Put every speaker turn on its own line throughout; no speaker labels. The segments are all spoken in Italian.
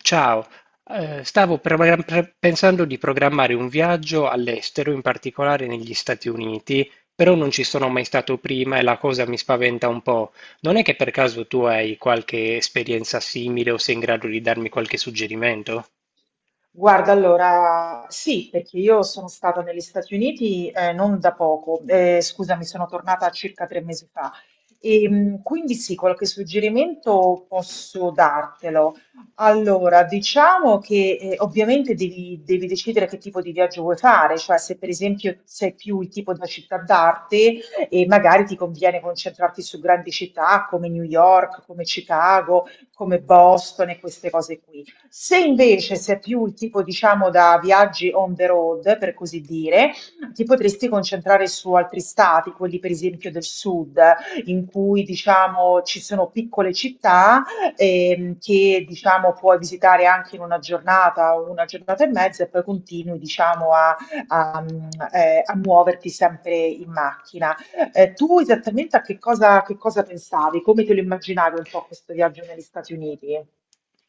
Ciao, stavo pensando di programmare un viaggio all'estero, in particolare negli Stati Uniti, però non ci sono mai stato prima e la cosa mi spaventa un po'. Non è che per caso tu hai qualche esperienza simile o sei in grado di darmi qualche suggerimento?
Guarda, allora sì, perché io sono stata negli Stati Uniti non da poco, scusami, sono tornata circa 3 mesi fa. E, quindi sì, qualche suggerimento posso dartelo. Allora, diciamo che ovviamente devi decidere che tipo di viaggio vuoi fare, cioè se per esempio sei più il tipo da città d'arte e magari ti conviene concentrarti su grandi città come New York, come Chicago, come Boston e queste cose qui. Se invece sei più il tipo, diciamo, da viaggi on the road, per così dire, ti potresti concentrare su altri stati, quelli per esempio del sud, in cui, diciamo, ci sono piccole città che, diciamo, puoi visitare anche in una giornata o una giornata e mezza e poi continui, diciamo, a, mm, a muoverti sempre in macchina. Tu esattamente a che cosa pensavi? Come te lo immaginavi un po' questo viaggio negli Stati Uniti?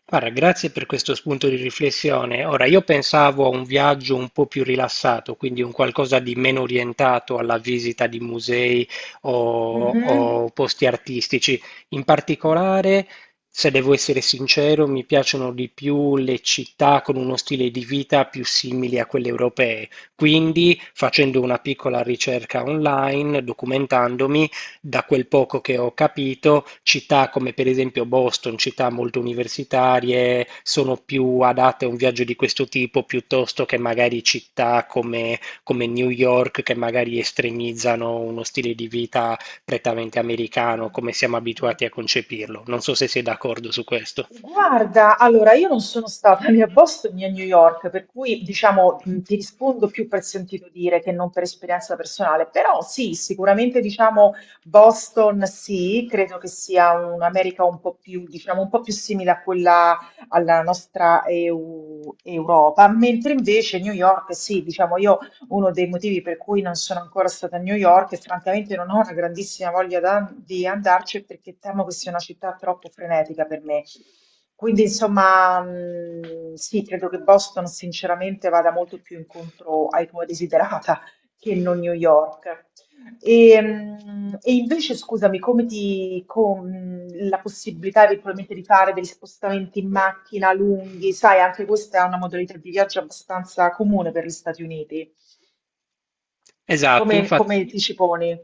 Guarda, grazie per questo spunto di riflessione. Ora, io pensavo a un viaggio un po' più rilassato, quindi un qualcosa di meno orientato alla visita di musei o,
Mhm.
posti artistici. In particolare, se devo essere sincero, mi piacciono di più le città con uno stile di vita più simile a quelle europee. Quindi, facendo una piccola ricerca online, documentandomi, da quel poco che ho capito, città come per esempio Boston, città molto universitarie, sono più adatte a un viaggio di questo tipo piuttosto che magari città come, come New York, che magari estremizzano uno stile di vita prettamente americano, come siamo
Mm.
abituati a concepirlo. Non so se sei d'accordo su questo.
Guarda, allora io non sono stata né a Boston né a New York, per cui diciamo ti rispondo più per sentito dire che non per esperienza personale, però sì, sicuramente diciamo Boston sì, credo che sia un'America un po' più, diciamo, un po' più simile a quella alla nostra EU Europa, mentre invece New York sì, diciamo io uno dei motivi per cui non sono ancora stata a New York e francamente non ho una grandissima voglia di andarci è perché temo che sia una città troppo frenetica per me. Quindi, insomma, sì, credo che Boston sinceramente vada molto più incontro ai tuoi desiderata che non New York. E invece, scusami, con la possibilità eventualmente di fare degli spostamenti in macchina lunghi, sai, anche questa è una modalità di viaggio abbastanza comune per gli Stati Uniti.
Esatto,
Come
infatti.
ti ci poni?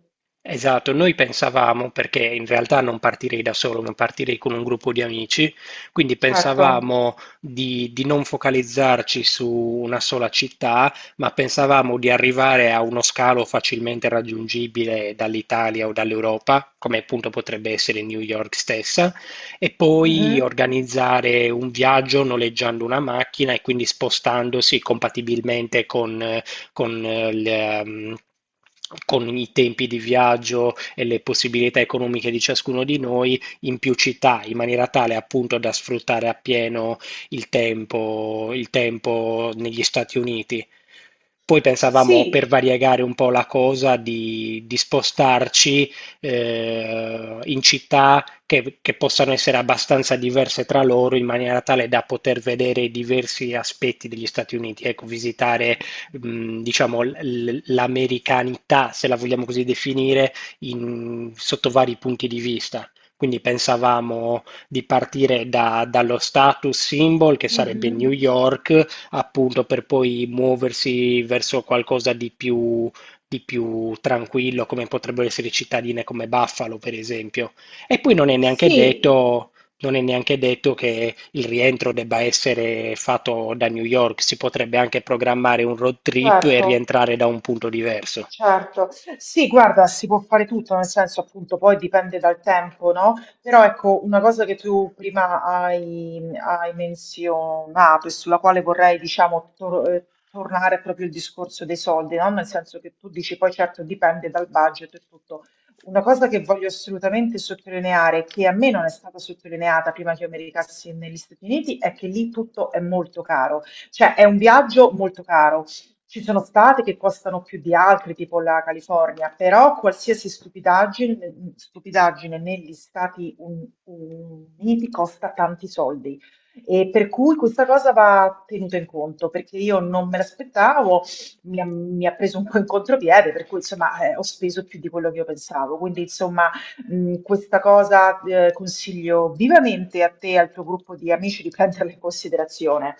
Esatto, noi pensavamo, perché in realtà non partirei da solo, ma partirei con un gruppo di amici, quindi
Certo.
pensavamo di non focalizzarci su una sola città, ma pensavamo di arrivare a uno scalo facilmente raggiungibile dall'Italia o dall'Europa, come appunto potrebbe essere New York stessa, e poi
Mhm.
organizzare un viaggio noleggiando una macchina e quindi spostandosi compatibilmente con, eh, le, ehm, con i tempi di viaggio e le possibilità economiche di ciascuno di noi in più città, in maniera tale appunto da sfruttare appieno il tempo negli Stati Uniti. Poi pensavamo, per
Sì.
variegare un po' la cosa, di spostarci in città che possano essere abbastanza diverse tra loro in maniera tale da poter vedere i diversi aspetti degli Stati Uniti, ecco, visitare diciamo, l'americanità, se la vogliamo così definire, sotto vari punti di vista. Quindi pensavamo di partire dallo status symbol, che sarebbe New
Mhm.
York, appunto per poi muoversi verso qualcosa di più tranquillo, come potrebbero essere cittadine come Buffalo, per esempio. E poi non è neanche
Sì,
detto non è neanche detto che il rientro debba essere fatto da New York, si potrebbe anche programmare un road trip e
certo.
rientrare da un punto diverso.
Certo, sì, guarda, si può fare tutto, nel senso appunto poi dipende dal tempo, no? Però ecco, una cosa che tu prima hai menzionato e sulla quale vorrei, diciamo, tornare è proprio il discorso dei soldi, no? Nel senso che tu dici poi certo dipende dal budget e tutto. Una cosa che voglio assolutamente sottolineare, che a me non è stata sottolineata prima che io mi recassi negli Stati Uniti, è che lì tutto è molto caro, cioè è un viaggio molto caro. Ci sono stati che costano più di altri, tipo la California, però qualsiasi stupidaggine, stupidaggine negli Stati Uniti costa tanti soldi. E per cui questa cosa va tenuta in conto, perché io non me l'aspettavo, mi ha preso un po' in contropiede, per cui insomma ho speso più di quello che io pensavo. Quindi insomma questa cosa consiglio vivamente a te e al tuo gruppo di amici di prenderla in considerazione.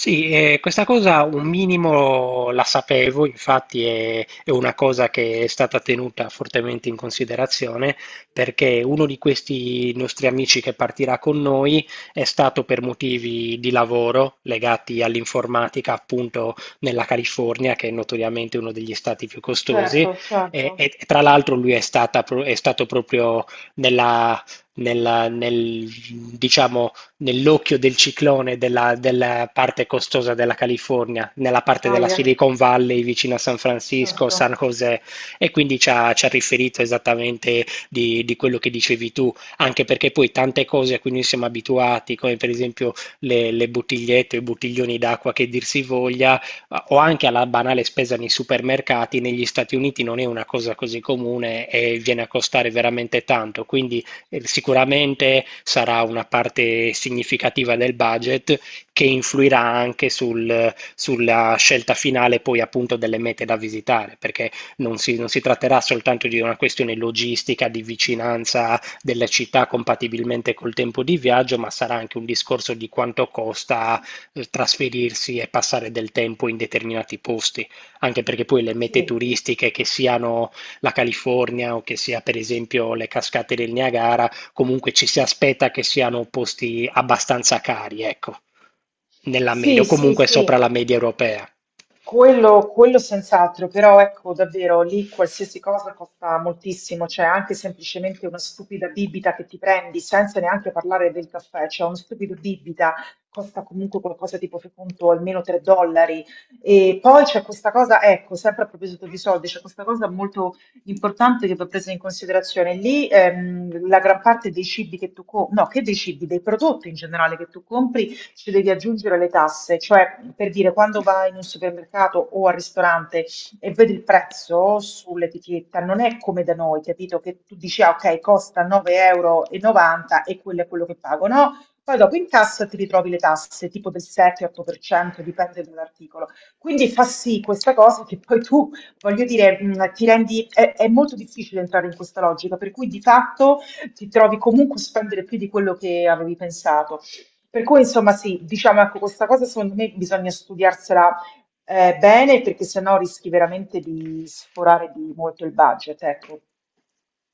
Sì, questa cosa un minimo la sapevo, infatti è una cosa che è stata tenuta fortemente in considerazione perché uno di questi nostri amici che partirà con noi è stato per motivi di lavoro legati all'informatica appunto nella California, che è notoriamente uno degli stati più costosi,
Certo, certo.
e, e tra l'altro lui è stato proprio nella nella- nel, diciamo, nell'occhio del ciclone della, della parte costosa della California, nella parte della
Ahia.
Silicon Valley vicino a San Francisco,
Certo,
San José, e quindi ci ha riferito esattamente di quello che dicevi tu, anche perché poi tante cose a cui noi siamo abituati, come per esempio le bottigliette o i bottiglioni d'acqua, che dir si voglia, o anche alla banale spesa nei supermercati, negli Stati Uniti non è una cosa così comune e viene a costare veramente tanto, quindi sicuramente sarà una parte significativa del budget che influirà anche sulla scelta finale, poi appunto, delle mete da visitare, perché non si tratterà soltanto di una questione logistica, di vicinanza delle città compatibilmente col tempo di viaggio, ma sarà anche un discorso di quanto costa trasferirsi e passare del tempo in determinati posti, anche perché poi le mete
sì.
turistiche, che siano la California o che sia per esempio le cascate del Niagara, comunque ci si aspetta che siano posti abbastanza cari, ecco, nella media
Sì,
o
sì,
comunque sopra
sì,
la media europea.
quello quello senz'altro, però ecco davvero lì qualsiasi cosa costa moltissimo, cioè anche semplicemente una stupida bibita che ti prendi senza neanche parlare del caffè, cioè uno stupido bibita costa comunque qualcosa tipo, fai conto, almeno 3 dollari. E poi c'è questa cosa, ecco, sempre a proposito di soldi, c'è questa cosa molto importante che va presa in considerazione. Lì la gran parte dei cibi che tu compri, no, che dei cibi, dei prodotti in generale che tu compri ci devi aggiungere le tasse, cioè per dire quando vai in un supermercato o al ristorante e vedi il prezzo sull'etichetta, non è come da noi, capito? Che tu dici, ah, ok, costa 9,90 euro e novanta e quello è quello che pago, no? Poi dopo in cassa ti ritrovi le tasse, tipo del 7-8%, dipende dall'articolo. Quindi fa sì questa cosa che poi tu, voglio dire, è molto difficile entrare in questa logica, per cui di fatto ti trovi comunque a spendere più di quello che avevi pensato. Per cui, insomma, sì, diciamo, ecco, questa cosa secondo me bisogna studiarsela bene perché sennò rischi veramente di sforare di molto il budget, ecco.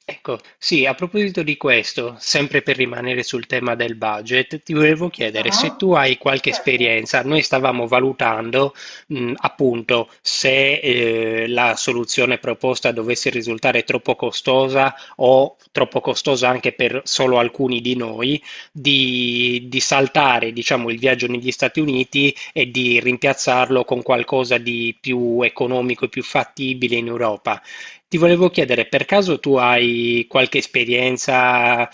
Ecco, sì, a proposito di questo, sempre per rimanere sul tema del budget, ti volevo chiedere se
Ah,
tu hai qualche
certo.
esperienza. Noi stavamo valutando, appunto, se la soluzione proposta dovesse risultare troppo costosa, o troppo costosa anche per solo alcuni di noi, di saltare, diciamo, il viaggio negli Stati Uniti e di rimpiazzarlo con qualcosa di più economico e più fattibile in Europa. Ti volevo chiedere, per caso tu hai qualche esperienza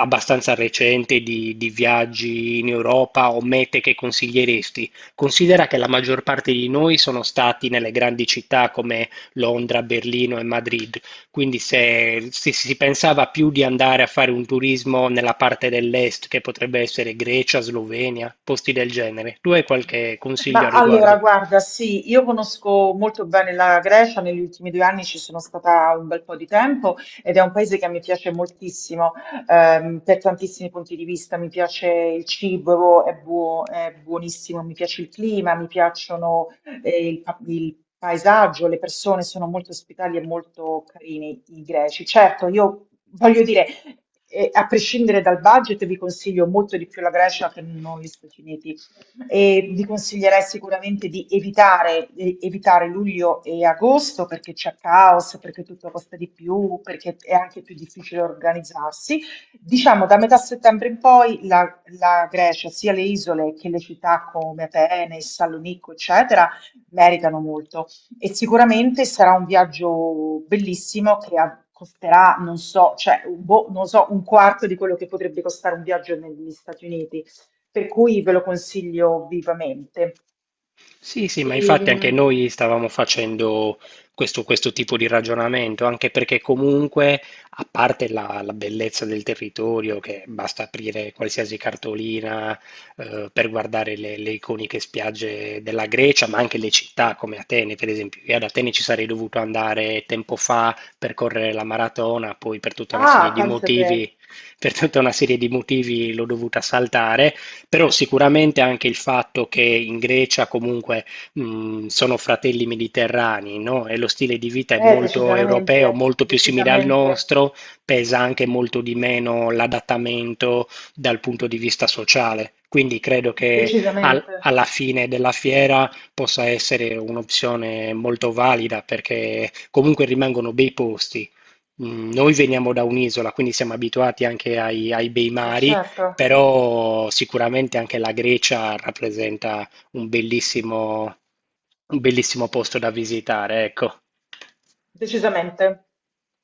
abbastanza recente di viaggi in Europa o mete che consiglieresti? Considera che la maggior parte di noi sono stati nelle grandi città come Londra, Berlino e Madrid, quindi se, se si pensava più di andare a fare un turismo nella parte dell'est, che potrebbe essere Grecia, Slovenia, posti del genere, tu hai qualche consiglio
Ma
al
allora,
riguardo?
guarda, sì, io conosco molto bene la Grecia, negli ultimi 2 anni ci sono stata un bel po' di tempo ed è un paese che mi piace moltissimo, per tantissimi punti di vista, mi piace il cibo, è buonissimo, mi piace il clima, mi piacciono, il paesaggio, le persone sono molto ospitali e molto carini i greci. Certo, io voglio dire, a prescindere dal budget, vi consiglio molto di più la Grecia che non gli Stati Uniti e vi consiglierei sicuramente di evitare, luglio e agosto perché c'è caos, perché tutto costa di più, perché è anche più difficile organizzarsi. Diciamo da metà settembre in poi la Grecia, sia le isole che le città come Atene, Salonicco, eccetera, meritano molto e sicuramente sarà un viaggio bellissimo che costerà, non so, cioè, boh, non so, un quarto di quello che potrebbe costare un viaggio negli Stati Uniti, per cui ve lo consiglio vivamente.
Sì, sì, ma infatti anche
Ehm,
noi stavamo facendo questo tipo di ragionamento, anche perché comunque, a parte la bellezza del territorio, che basta aprire qualsiasi cartolina per guardare le iconiche spiagge della Grecia, ma anche le città come Atene, per esempio. Io ad Atene ci sarei dovuto andare tempo fa per correre la maratona, poi per tutta una serie
ah,
di
pensa te.
motivi, per tutta una serie di motivi l'ho dovuta saltare. Però sicuramente anche il fatto che in Grecia comunque sono fratelli mediterranei, no? E lo stile di vita è
eh,
molto
decisamente,
europeo, molto più simile al
decisamente,
nostro, pesa anche molto di meno l'adattamento dal punto di vista sociale. Quindi credo che
decisamente.
alla fine della fiera possa essere un'opzione molto valida, perché comunque rimangono bei posti. Mm, noi veniamo da un'isola, quindi siamo abituati anche ai bei
eh,
mari,
certo,
però sicuramente anche la Grecia rappresenta un bellissimo posto da visitare, ecco.
decisamente.